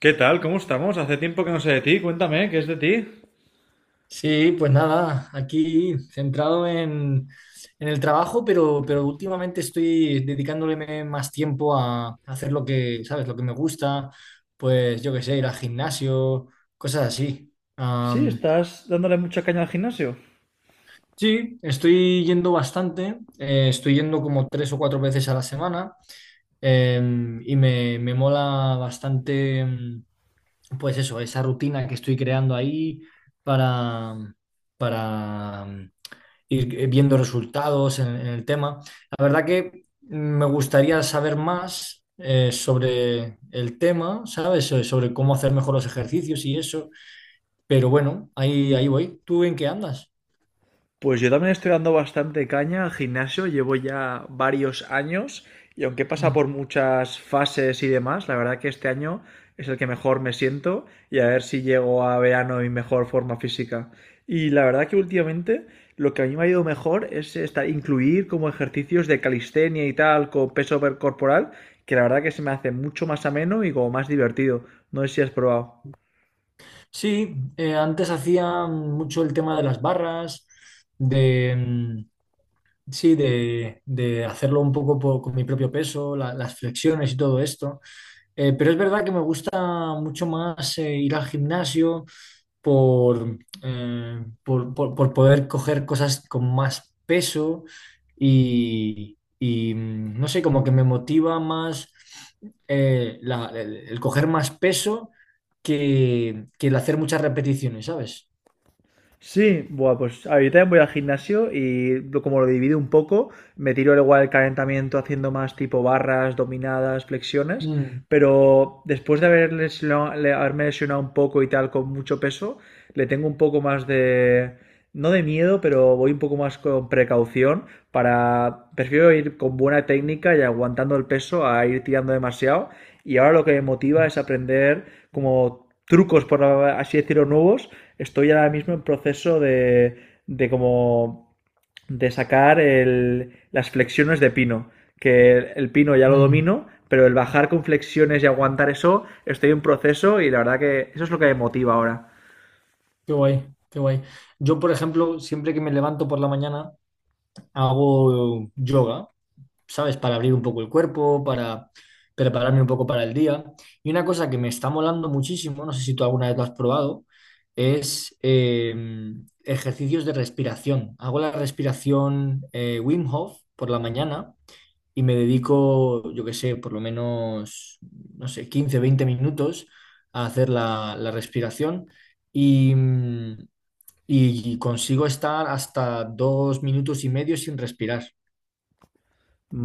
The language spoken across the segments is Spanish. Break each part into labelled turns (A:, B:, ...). A: ¿Qué tal? ¿Cómo estamos? Hace tiempo que no sé de ti. Cuéntame, ¿qué es de ti?
B: Sí, pues nada, aquí centrado en el trabajo, pero últimamente estoy dedicándole más tiempo a hacer lo que, ¿sabes? Lo que me gusta, pues yo qué sé, ir al gimnasio, cosas así.
A: Sí, estás dándole mucha caña al gimnasio.
B: Sí, estoy yendo bastante, estoy yendo como 3 o 4 veces a la semana. Y me mola bastante. Pues eso, esa rutina que estoy creando ahí para, para ir viendo resultados en el tema. La verdad que me gustaría saber más sobre el tema, ¿sabes? Sobre cómo hacer mejor los ejercicios y eso. Pero bueno, ahí voy. ¿Tú en qué andas?
A: Pues yo también estoy dando bastante caña al gimnasio, llevo ya varios años y aunque pasa
B: Mm.
A: por muchas fases y demás, la verdad que este año es el que mejor me siento y a ver si llego a verano en mejor forma física. Y la verdad que últimamente lo que a mí me ha ido mejor es incluir como ejercicios de calistenia y tal con peso corporal, que la verdad que se me hace mucho más ameno y como más divertido. No sé si has probado.
B: Sí, antes hacía mucho el tema de las barras. de, mm, Sí, de hacerlo un poco con mi propio peso, las flexiones y todo esto. Pero es verdad que me gusta mucho más ir al gimnasio por, por poder coger cosas con más peso y, no sé, como que me motiva más, el coger más peso que el hacer muchas repeticiones, ¿sabes?
A: Sí, bueno, pues ahorita voy al gimnasio y como lo divido un poco, me tiro al igual el calentamiento haciendo más tipo barras, dominadas, flexiones,
B: Mm,
A: pero después de haberme lesionado un poco y tal con mucho peso, le tengo un poco más de, no de miedo, pero voy un poco más con precaución para, prefiero ir con buena técnica y aguantando el peso a ir tirando demasiado y ahora lo que me motiva es aprender como trucos, por así decirlo, nuevos. Estoy ahora mismo en proceso de como de sacar las flexiones de pino, que el pino ya lo
B: mm.
A: domino, pero el bajar con flexiones y aguantar eso, estoy en proceso y la verdad que eso es lo que me motiva ahora.
B: Qué guay, qué guay. Yo, por ejemplo, siempre que me levanto por la mañana, hago yoga, ¿sabes? Para abrir un poco el cuerpo, para prepararme un poco para el día. Y una cosa que me está molando muchísimo, no sé si tú alguna vez lo has probado, es ejercicios de respiración. Hago la respiración, Wim Hof por la mañana y me dedico, yo qué sé, por lo menos, no sé, 15, 20 minutos a hacer la respiración. Y, mm, y consigo estar hasta 2 minutos y medio sin respirar.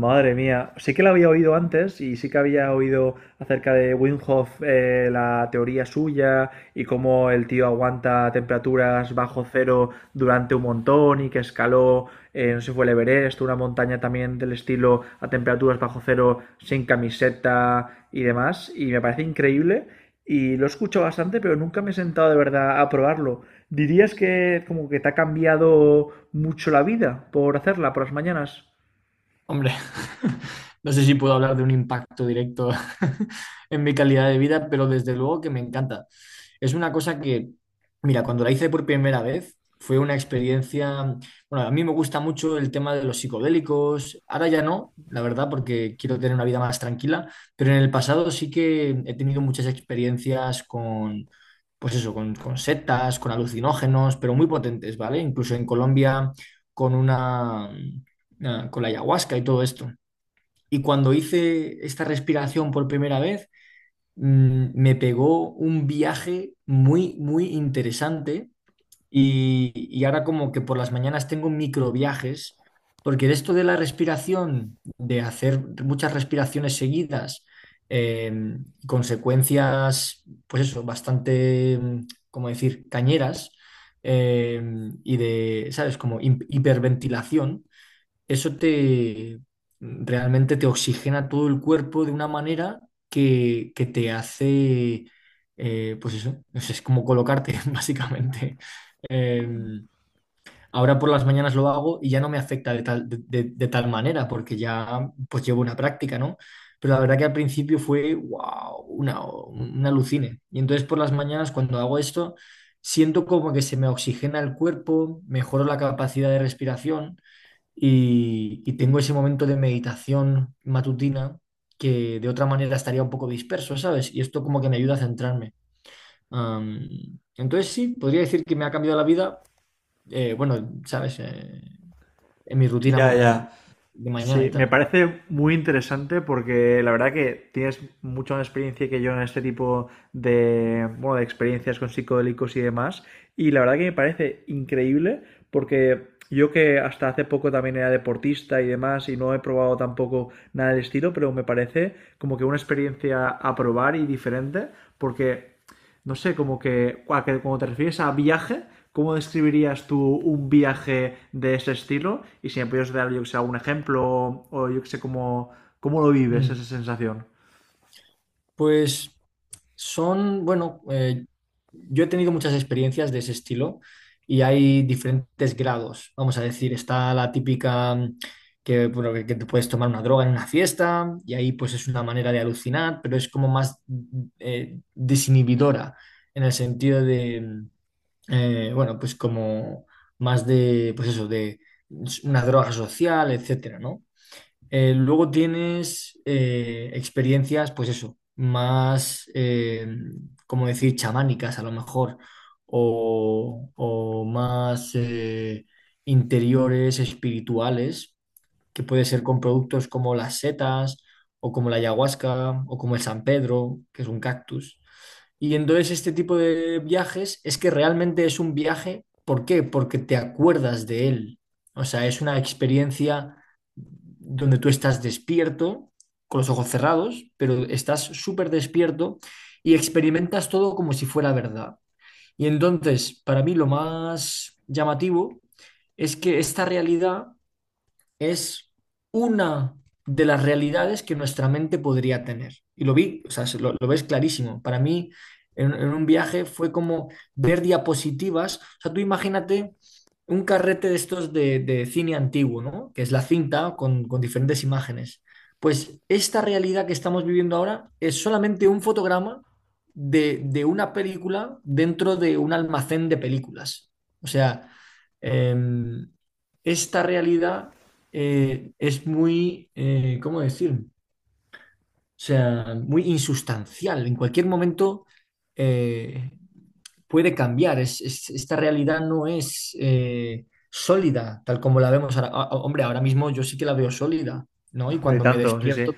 A: Madre mía, sí que la había oído antes y sí que había oído acerca de Wim Hof, la teoría suya y cómo el tío aguanta temperaturas bajo cero durante un montón y que escaló, no sé si fue el Everest, una montaña también del estilo a temperaturas bajo cero sin camiseta y demás. Y me parece increíble y lo he escuchado bastante, pero nunca me he sentado de verdad a probarlo. ¿Dirías que como que te ha cambiado mucho la vida por hacerla por las mañanas?
B: Hombre, no sé si puedo hablar de un impacto directo en mi calidad de vida, pero desde luego que me encanta. Es una cosa que, mira, cuando la hice por primera vez, fue una experiencia. Bueno, a mí me gusta mucho el tema de los psicodélicos, ahora ya no, la verdad, porque quiero tener una vida más tranquila, pero en el pasado sí que he tenido muchas experiencias con, pues eso, con setas, con alucinógenos, pero muy potentes, ¿vale? Incluso en Colombia con una con la ayahuasca y todo esto. Y cuando hice esta respiración por primera vez, me pegó un viaje muy, muy interesante, y ahora como que por las mañanas tengo microviajes, porque de esto de la respiración, de hacer muchas respiraciones seguidas, eh, consecuencias, pues eso, bastante, mm, como decir, cañeras, eh, y de, ¿sabes? Como hiperventilación, eso te, realmente te oxigena todo el cuerpo de una manera que te hace, pues eso, es como colocarte, básicamente. Eh, ahora por las mañanas lo hago y ya no me afecta de tal, de tal manera, porque ya pues llevo una práctica, ¿no? Pero la verdad que al principio fue, wow, una alucine. Y entonces por las mañanas cuando hago esto, siento como que se me oxigena el cuerpo, mejoro la capacidad de respiración y tengo ese momento de meditación matutina que de otra manera estaría un poco disperso, ¿sabes? Y esto como que me ayuda a centrarme. Entonces sí, podría decir que me ha cambiado la vida, bueno, ¿sabes? En mi rutina
A: Ya, ya.
B: de mañana
A: Sí,
B: y
A: me
B: tal.
A: parece muy interesante porque la verdad que tienes mucha más experiencia que yo en este tipo de, bueno, de experiencias con psicodélicos y demás. Y la verdad que me parece increíble porque yo que hasta hace poco también era deportista y demás y no he probado tampoco nada del estilo, pero me parece como que una experiencia a probar y diferente porque no sé, como que cuando te refieres a viaje, ¿cómo describirías tú un viaje de ese estilo? Y si me pudieras dar, yo que sé, algún ejemplo o yo que sé, cómo lo vives
B: Mm.
A: esa sensación.
B: Pues bueno, yo he tenido muchas experiencias de ese estilo y hay diferentes grados. Vamos a decir, está la típica, que, bueno, que te puedes tomar una droga en una fiesta y ahí pues es una manera de alucinar, pero es como más, desinhibidora, en el sentido de, bueno, pues como más de, pues eso, de una droga social, etcétera, ¿no? Luego tienes, experiencias, pues eso, más, como decir, chamánicas a lo mejor, o más, interiores, espirituales, que puede ser con productos como las setas o como la ayahuasca o como el San Pedro, que es un cactus. Y entonces este tipo de viajes es que realmente es un viaje. ¿Por qué? Porque te acuerdas de él. O sea, es una experiencia donde tú estás despierto, con los ojos cerrados, pero estás súper despierto y experimentas todo como si fuera verdad. Y entonces, para mí, lo más llamativo es que esta realidad es una de las realidades que nuestra mente podría tener. Y lo vi, o sea, lo ves clarísimo. Para mí, en, un viaje fue como ver diapositivas. O sea, tú imagínate un carrete de estos de, cine antiguo, ¿no? Que es la cinta con diferentes imágenes. Pues esta realidad que estamos viviendo ahora es solamente un fotograma de una película, dentro de un almacén de películas. O sea, em, esta realidad, es muy, ¿cómo decir? O sea, muy insustancial. En cualquier momento, eh, puede cambiar. Esta realidad no es, sólida, tal como la vemos ahora. Ah, hombre, ahora mismo yo sí que la veo sólida, ¿no? Y
A: Hombre, y
B: cuando me
A: tanto, sí, sí.
B: despierto,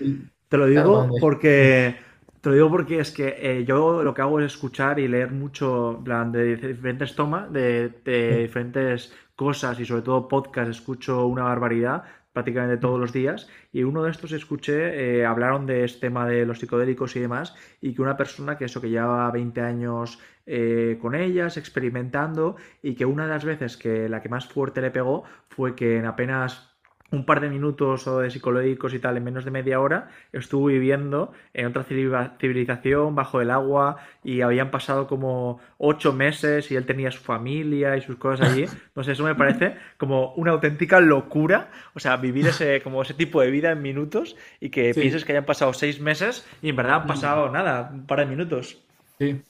A: Te lo
B: claro, cuando
A: digo
B: me despierto.
A: porque. Te lo digo porque es que yo lo que hago es escuchar y leer mucho, en plan, de diferentes tomas, de
B: Sí,
A: diferentes cosas y sobre todo podcast, escucho una barbaridad prácticamente todos los días y uno de estos escuché, hablaron de este tema de los psicodélicos y demás y que una persona que eso que lleva 20 años con ellas, experimentando y que una de las veces que la que más fuerte le pegó fue que en apenas un par de minutos o de psicológicos y tal, en menos de media hora, estuvo viviendo en otra civilización, bajo el agua, y habían pasado como 8 meses y él tenía su familia y sus cosas allí. No sé, eso me parece como una auténtica locura, o sea, vivir ese, como ese tipo de vida en minutos y que pienses
B: sí,
A: que hayan pasado 6 meses y en verdad han
B: mm,
A: pasado nada, un par de minutos.
B: sí.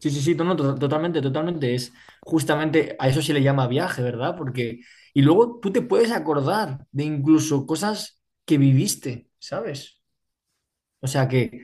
B: Sí, sí, sí, no, no, totalmente, totalmente. Es justamente a eso se le llama viaje, ¿verdad? Porque, y luego tú te puedes acordar de incluso cosas que viviste, ¿sabes? O sea, que,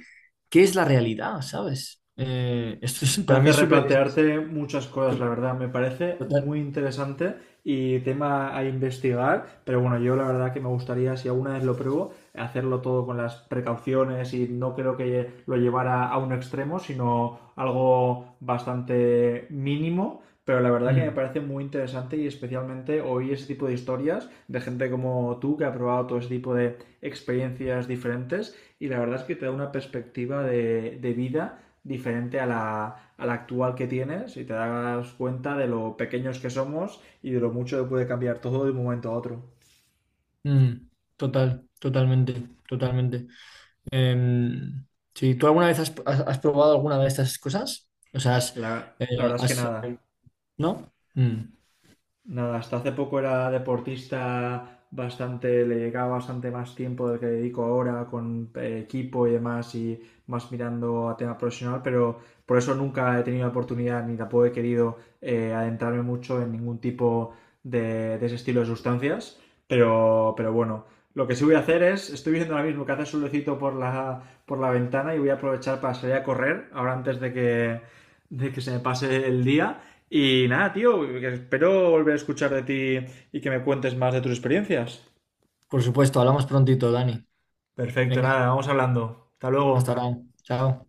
B: ¿qué es la realidad?, ¿sabes? Esto es,
A: Te
B: para mí
A: hace
B: es súper,
A: replantearte muchas cosas, la
B: to-
A: verdad. Me parece muy
B: total.
A: interesante y tema a investigar. Pero bueno, yo la verdad que me gustaría, si alguna vez lo pruebo, hacerlo todo con las precauciones y no creo que lo llevara a un extremo, sino algo bastante mínimo. Pero la verdad que me
B: Mm,
A: parece muy interesante y especialmente oír ese tipo de historias de gente como tú que ha probado todo ese tipo de experiencias diferentes y la verdad es que te da una perspectiva de vida diferente a la actual que tienes y te das cuenta de lo pequeños que somos y de lo mucho que puede cambiar todo de un momento a otro.
B: mm. Total, totalmente, totalmente. Em, sí, ¿tú alguna vez has, has probado alguna de estas cosas? O sea,
A: La,
B: eh,
A: la verdad es que
B: has-
A: nada.
B: ¿no? Mm,
A: Nada, hasta hace poco era deportista bastante, le llegaba bastante más tiempo del que dedico ahora con equipo y demás y más mirando a tema profesional, pero por eso nunca he tenido la oportunidad ni tampoco he querido adentrarme mucho en ningún tipo de ese estilo de sustancias, pero bueno, lo que sí voy a hacer es, estoy viendo ahora mismo que hace solecito por la ventana y voy a aprovechar para salir a correr ahora antes de que se me pase el día y nada, tío, espero volver a escuchar de ti y que me cuentes más de tus experiencias.
B: por supuesto, hablamos prontito, Dani.
A: Perfecto,
B: Venga.
A: nada, vamos hablando. Hasta
B: Hasta
A: luego.
B: ahora. Chao.